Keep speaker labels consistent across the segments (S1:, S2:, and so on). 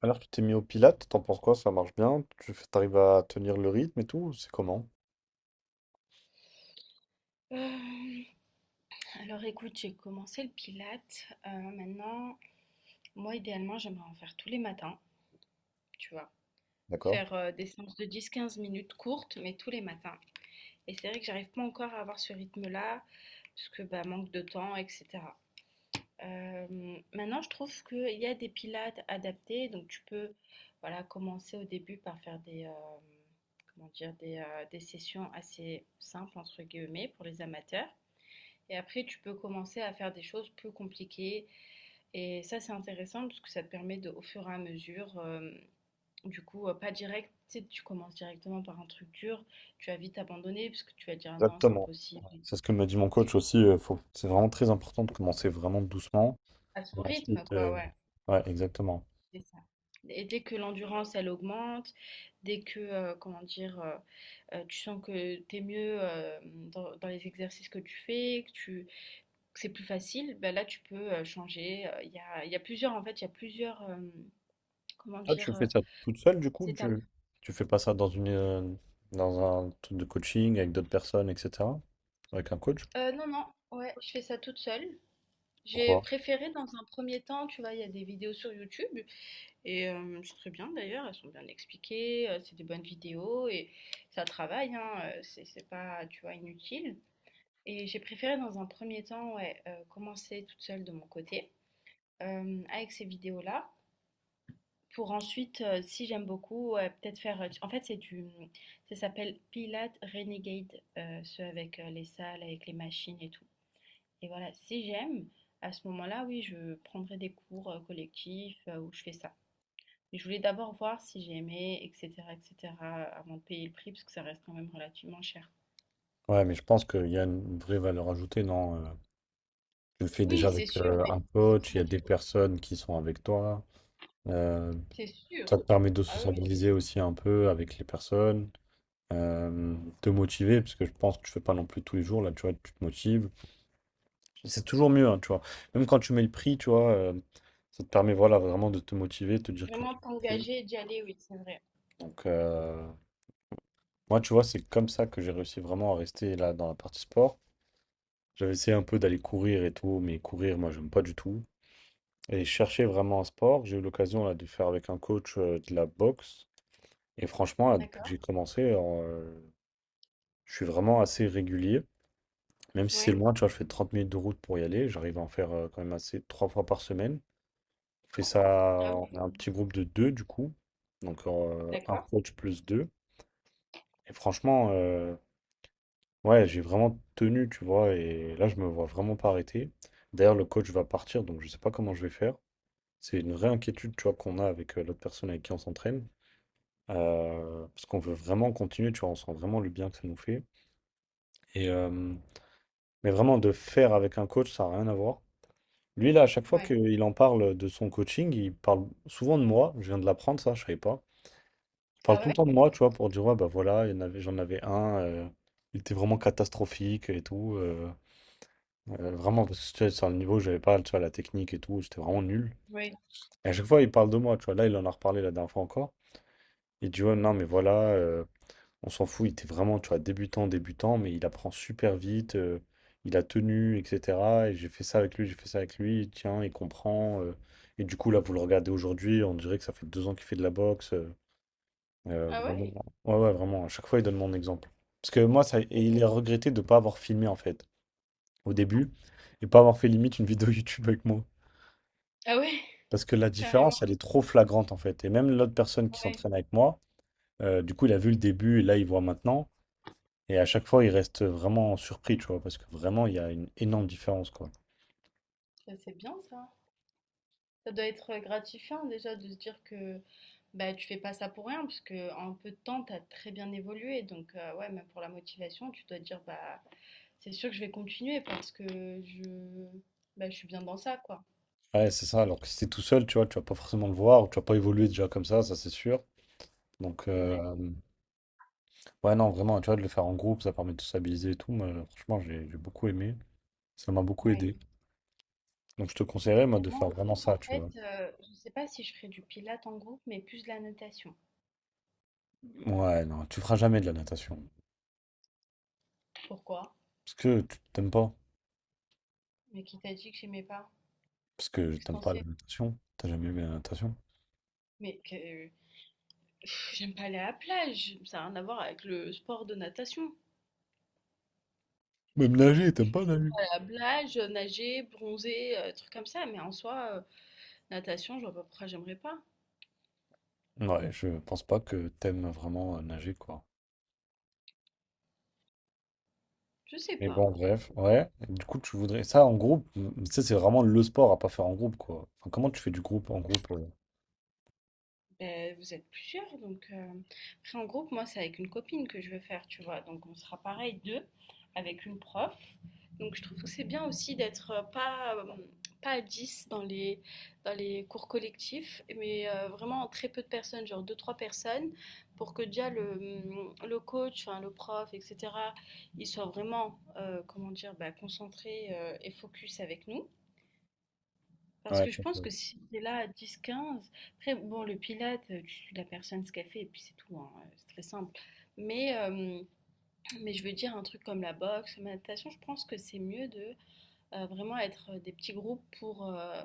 S1: Alors, tu t'es mis au Pilates, t'en penses quoi? Ça marche bien? T'arrives à tenir le rythme et tout? C'est comment?
S2: Alors écoute, j'ai commencé le Pilate. Maintenant, moi idéalement, j'aimerais en faire tous les matins, tu vois?
S1: D'accord.
S2: Faire, des séances de 10, 15 minutes courtes, mais tous les matins et c'est vrai que j'arrive pas encore à avoir ce rythme-là parce que, bah, manque de temps et cetera. Maintenant je trouve qu'il y a des pilates adaptés donc tu peux, voilà, commencer au début par faire des, comment dire? Des sessions assez «simples» entre guillemets pour les amateurs et après tu peux commencer à faire des choses plus compliquées. Et ça, c'est intéressant parce que ça te permet de, au fur et à mesure, du coup, pas direct, tu sais, tu commences directement par un truc dur, tu vas vite abandonner parce que tu vas dire: ah non, c'est
S1: Exactement.
S2: impossible.
S1: C'est ce que me dit mon coach aussi. Faut... C'est vraiment très important de commencer vraiment doucement.
S2: À
S1: Et
S2: son rythme,
S1: ensuite,
S2: quoi, ouais,
S1: ouais, exactement.
S2: c'est ça. Et dès que l'endurance, elle augmente, dès que, comment dire, tu sens que t'es mieux dans, les exercices que tu fais, que tu, que c'est plus facile, ben là, tu peux changer. Il y a plusieurs, en fait, il y a plusieurs, comment
S1: Toi, tu
S2: dire,
S1: fais ça toute seule, du coup?
S2: étapes.
S1: Tu fais pas ça dans une, dans un truc de coaching avec d'autres personnes, etc. Avec un coach?
S2: Non, non, ouais, je fais ça toute seule. J'ai
S1: Pourquoi?
S2: préféré dans un premier temps, tu vois, il y a des vidéos sur YouTube et c'est très bien d'ailleurs, elles sont bien expliquées, c'est des bonnes vidéos et ça travaille, hein, c'est pas, tu vois, inutile. Et j'ai préféré dans un premier temps, ouais, commencer toute seule de mon côté avec ces vidéos-là pour ensuite, si j'aime beaucoup, ouais, peut-être faire. En fait, c'est du, ça s'appelle Pilates Renegade, ceux avec les salles, avec les machines et tout. Et voilà, si j'aime, à ce moment-là, oui, je prendrai des cours collectifs où je fais ça. Mais je voulais d'abord voir si j'aimais, etc., etc., avant de payer le prix, parce que ça reste quand même relativement cher.
S1: Ouais, mais je pense qu'il y a une vraie valeur ajoutée, non? Tu le fais déjà
S2: Oui, c'est
S1: avec
S2: sûr, mais
S1: un
S2: c'est pour
S1: coach, il y
S2: ça
S1: a
S2: qu'il
S1: des
S2: faut.
S1: personnes qui sont avec toi.
S2: C'est sûr.
S1: Ça te permet de
S2: Ah oui, c'est
S1: sociabiliser aussi un peu avec les personnes, te motiver, parce que je pense que tu fais pas non plus tous les jours, là, tu vois, tu te motives. C'est toujours mieux, hein, tu vois. Même quand tu mets le prix, tu vois, ça te permet, voilà, vraiment de te motiver, de te dire que t'as
S2: vraiment
S1: pris.
S2: t'engager et d'y aller, oui, c'est vrai.
S1: Donc, moi, tu vois, c'est comme ça que j'ai réussi vraiment à rester là dans la partie sport. J'avais essayé un peu d'aller courir et tout, mais courir, moi, j'aime pas du tout. Et chercher vraiment un sport, j'ai eu l'occasion là de faire avec un coach de la boxe. Et franchement, là, depuis que
S2: D'accord.
S1: j'ai commencé, je suis vraiment assez régulier. Même si c'est
S2: Ouais.
S1: loin, tu vois, je fais 30 minutes de route pour y aller. J'arrive à en faire quand même assez trois fois par semaine. Je fais ça,
S2: Ah oui.
S1: on a un petit groupe de deux du coup. Donc un
S2: D'accord.
S1: coach plus deux. Et franchement, ouais, j'ai vraiment tenu, tu vois. Et là, je me vois vraiment pas arrêter. D'ailleurs, le coach va partir, donc je sais pas comment je vais faire. C'est une vraie inquiétude, tu vois, qu'on a avec l'autre personne avec qui on s'entraîne. Parce qu'on veut vraiment continuer, tu vois, on sent vraiment le bien que ça nous fait. Et, mais vraiment, de faire avec un coach, ça n'a rien à voir. Lui, là, à chaque fois
S2: Ouais.
S1: qu'il en parle de son coaching, il parle souvent de moi. Je viens de l'apprendre, ça, je savais pas. Il parle
S2: Ah
S1: tout le
S2: ouais?
S1: temps de moi, tu vois, pour dire, ouais, bah voilà, il y en avait, j'en avais un, il était vraiment catastrophique et tout. Vraiment, parce que tu sais, sur le niveau, j'avais pas, tu vois, la technique et tout, j'étais vraiment nul.
S2: Oui.
S1: Et à chaque fois, il parle de moi, tu vois. Là, il en a reparlé la dernière fois encore. Il dit, ouais, non, mais voilà. On s'en fout, il était vraiment, tu vois, débutant, débutant, mais il apprend super vite, il a tenu, etc. Et j'ai fait ça avec lui, j'ai fait ça avec lui, tiens, il comprend. Et du coup, là, vous le regardez aujourd'hui, on dirait que ça fait deux ans qu'il fait de la boxe.
S2: Ah
S1: Vraiment.
S2: ouais?
S1: Ouais, ouais, vraiment, à chaque fois, il donne mon exemple. Parce que moi, ça, et
S2: Mais bon.
S1: il est regretté de ne pas avoir filmé, en fait, au début, et pas avoir fait limite une vidéo YouTube avec moi.
S2: Ah ouais,
S1: Parce que la
S2: carrément.
S1: différence, elle est trop flagrante, en fait. Et même l'autre personne qui
S2: Ouais.
S1: s'entraîne avec moi, du coup, il a vu le début, et là, il voit maintenant. Et à chaque fois, ils restent vraiment surpris, tu vois, parce que vraiment, il y a une énorme différence, quoi.
S2: Ça, c'est bien ça. Ça doit être gratifiant déjà de se dire que bah, tu fais pas ça pour rien, parce que en peu de temps, tu as très bien évolué. Donc, ouais, même pour la motivation, tu dois te dire, bah, c'est sûr que je vais continuer parce que je, bah, je suis bien dans ça, quoi.
S1: Ouais, c'est ça. Alors que si t'es tout seul, tu vois, tu vas pas forcément le voir, ou tu vas pas évoluer déjà comme ça c'est sûr. Donc,
S2: C'est vrai.
S1: ouais, non, vraiment, tu vois, de le faire en groupe, ça permet de stabiliser et tout. Moi, franchement, j'ai beaucoup aimé. Ça m'a beaucoup
S2: Ouais.
S1: aidé. Donc, je te conseillerais, moi,
S2: Bah,
S1: de
S2: moi,
S1: faire
S2: en
S1: vraiment
S2: groupe,
S1: ça,
S2: en
S1: tu
S2: fait,
S1: vois.
S2: je sais pas si je ferais du pilate en groupe, mais plus de la natation.
S1: Ouais, non, tu feras jamais de la natation.
S2: Pourquoi?
S1: Parce que tu t'aimes pas.
S2: Mais qui t'a dit que j'aimais pas?
S1: Parce que
S2: Qu'est-ce que
S1: t'aimes
S2: t'en
S1: pas la
S2: sais?
S1: natation. T'as jamais aimé la natation.
S2: Mais que... pff, j'aime pas aller à la plage. Ça n'a rien à voir avec le sport de natation.
S1: Même nager, t'aimes pas nager.
S2: Blage nager, bronzer, trucs comme ça. Mais en soi, natation, je vois pas pourquoi j'aimerais pas.
S1: Ouais, je pense pas que t'aimes vraiment nager, quoi.
S2: Je sais
S1: Mais
S2: pas.
S1: bon, bref, ouais. Du coup, tu voudrais ça en groupe. Ça, c'est vraiment le sport à pas faire en groupe, quoi. Enfin, comment tu fais du groupe en groupe?
S2: Ben, vous êtes plusieurs, donc après en groupe, moi c'est avec une copine que je veux faire, tu vois, donc on sera pareil deux avec une prof. Donc je trouve que c'est bien aussi d'être pas à 10 dans les cours collectifs, mais vraiment en très peu de personnes, genre deux trois personnes, pour que déjà le mm, le coach, enfin le prof, etc. Il soit vraiment comment dire, bah, concentré et focus avec nous. Parce
S1: Ouais,
S2: que je pense que si tu es là à 10, 15, après, bon, le pilate, tu suis la personne ce qu'elle fait et puis c'est tout, hein, c'est très simple. Mais, euh, mais je veux dire, un truc comme la boxe, la natation, je pense que c'est mieux de vraiment être des petits groupes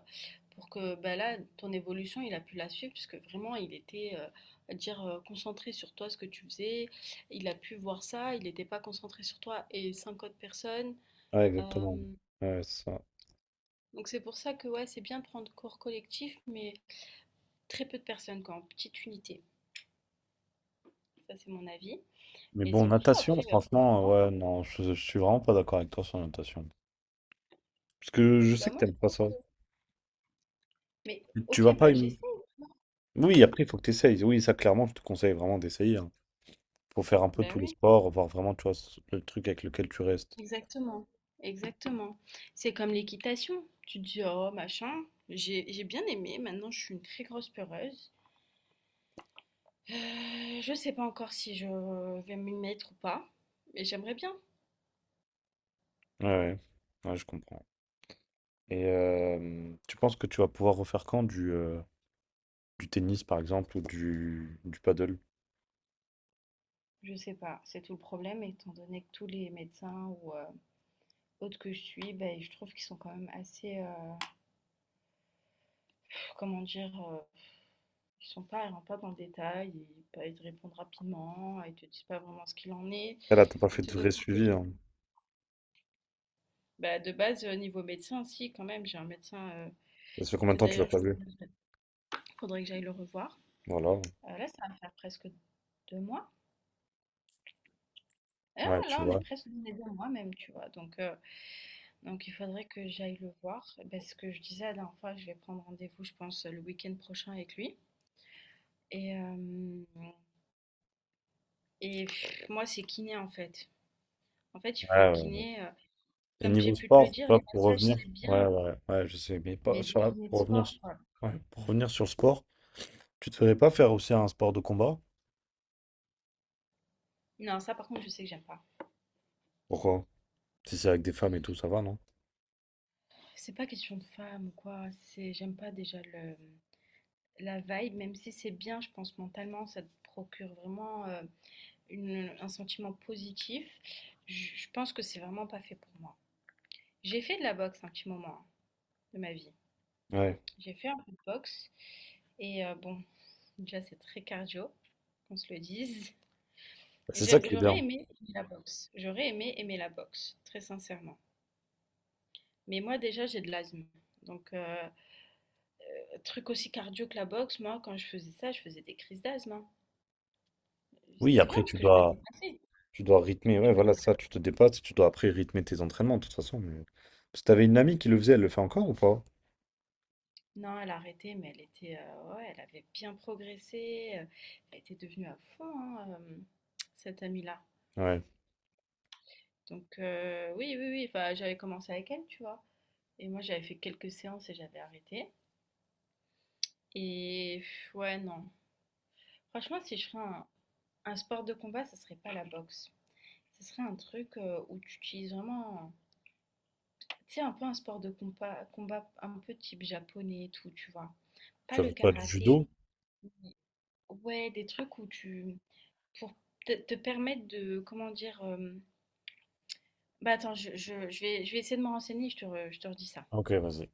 S2: pour que bah, là, ton évolution, il a pu la suivre, puisque vraiment, il était, à dire, concentré sur toi, ce que tu faisais. Il a pu voir ça, il n'était pas concentré sur toi et cinq autres personnes.
S1: ouais,
S2: Euh,
S1: exactement. Ouais, c'est ça.
S2: donc c'est pour ça que ouais, c'est bien de prendre cours collectif, mais très peu de personnes, quoi, en petite unité. Ça, c'est mon avis.
S1: Mais
S2: Et
S1: bon,
S2: c'est pour ça,
S1: natation,
S2: après,
S1: franchement, ouais, non, je suis vraiment pas d'accord avec toi sur la natation. Parce que je
S2: bah
S1: sais que
S2: moi, je
S1: t'aimes pas
S2: pense
S1: ça.
S2: que... Mais
S1: Tu
S2: ok,
S1: vas pas
S2: bah j'essaie.
S1: aimer. Oui, après, il faut que t'essayes. Oui, ça, clairement, je te conseille vraiment d'essayer, hein. Faut faire un peu
S2: Bah
S1: tous les
S2: oui,
S1: sports, voir vraiment, tu vois, le truc avec lequel tu restes.
S2: exactement. Exactement. C'est comme l'équitation. Tu te dis, oh, machin, j'ai bien aimé. Maintenant, je suis une très grosse peureuse. Je sais pas encore si je vais m'y mettre ou pas, mais j'aimerais bien.
S1: Ouais, ouais, ouais, je comprends. Et tu penses que tu vas pouvoir refaire quand du tennis, par exemple, ou du paddle?
S2: Je sais pas, c'est tout le problème, étant donné que tous les médecins ou autres que je suis, ben, je trouve qu'ils sont quand même assez, comment dire, ils sont pas ils rentrent pas dans le détail, ils te répondent rapidement, ils te disent pas vraiment ce qu'il en est.
S1: Ah là, t'as pas
S2: Ils
S1: fait
S2: te
S1: de vrai
S2: donnent pas de
S1: suivi, hein.
S2: bah, de base, niveau médecin, si quand même, j'ai un médecin,
S1: Ça fait combien
S2: que
S1: de temps que tu l'as
S2: d'ailleurs il
S1: pas vu?
S2: faudrait que j'aille le revoir.
S1: Voilà.
S2: Là, ça va faire presque 2 mois. Ah,
S1: Ouais, tu
S2: là, on est
S1: vois.
S2: presque dans les 2 mois même, tu vois? Donc il faudrait que j'aille le voir. Bah, ce que je disais la dernière fois, je vais prendre rendez-vous, je pense, le week-end prochain avec lui et hem et moi, c'est kiné, en fait. En fait, il faut
S1: Ouais,
S2: un
S1: ouais.
S2: kiné,
S1: Et
S2: comme
S1: niveau
S2: j'ai pu te le
S1: sport, tu
S2: dire,
S1: vois,
S2: les
S1: pour
S2: massages,
S1: revenir,
S2: c'est
S1: ouais,
S2: bien,
S1: ouais, ouais, je sais, mais pas
S2: mais
S1: sur
S2: des kinés de
S1: pour revenir,
S2: sport, quoi.
S1: ouais, pour revenir sur le sport, tu te ferais pas faire aussi un sport de combat?
S2: Non, ça, par contre, je sais que j'aime pas.
S1: Pourquoi? Si c'est avec des femmes et tout, ça va, non?
S2: C'est pas question de femme ou quoi. C'est, j'aime pas déjà le, la vibe, même si c'est bien, je pense, mentalement, ça te procure vraiment un sentiment positif. Je pense que c'est vraiment pas fait pour moi. J'ai fait de la boxe un petit moment hein, de ma vie.
S1: Ouais.
S2: J'ai fait un peu de boxe et bon, déjà, c'est très cardio, qu'on se le dise.
S1: Bah, c'est ça qui est
S2: J'aurais
S1: bien.
S2: aimé aimer la boxe. J'aurais aimé aimer la boxe, très sincèrement. Mais moi, déjà, j'ai de l'asthme. Donc, truc aussi cardio que la boxe, moi, quand je faisais ça, je faisais des crises d'asthme, hein.
S1: Oui,
S2: C'était bien
S1: après,
S2: parce que je me dépassais.
S1: tu dois rythmer.
S2: Je
S1: Ouais,
S2: me...
S1: voilà, ça, tu te dépasses. Tu dois après rythmer tes entraînements, de toute façon. Mais... parce que t'avais une amie qui le faisait, elle le fait encore ou pas?
S2: Non, elle a arrêté, mais elle était, ouais, elle avait bien progressé. Elle était devenue à fond, hein, cette amie-là.
S1: Ouais.
S2: Donc, oui, oui, oui. Enfin, j'avais commencé avec elle, tu vois. Et moi, j'avais fait quelques séances et j'avais arrêté. Et pff, ouais, non. Franchement, si je ferais un, sport de combat, ça serait pas la boxe. Ce serait un truc où tu utilises vraiment. Tu sais, un peu un sport de combat, un peu type japonais et tout, tu vois. Pas
S1: Tu vas
S2: le
S1: faire quoi, du
S2: karaté,
S1: judo?
S2: ouais, des trucs où tu... pour te permettre de, comment dire... Bah attends, je vais essayer de me renseigner, je te redis ça.
S1: Ok, vas-y.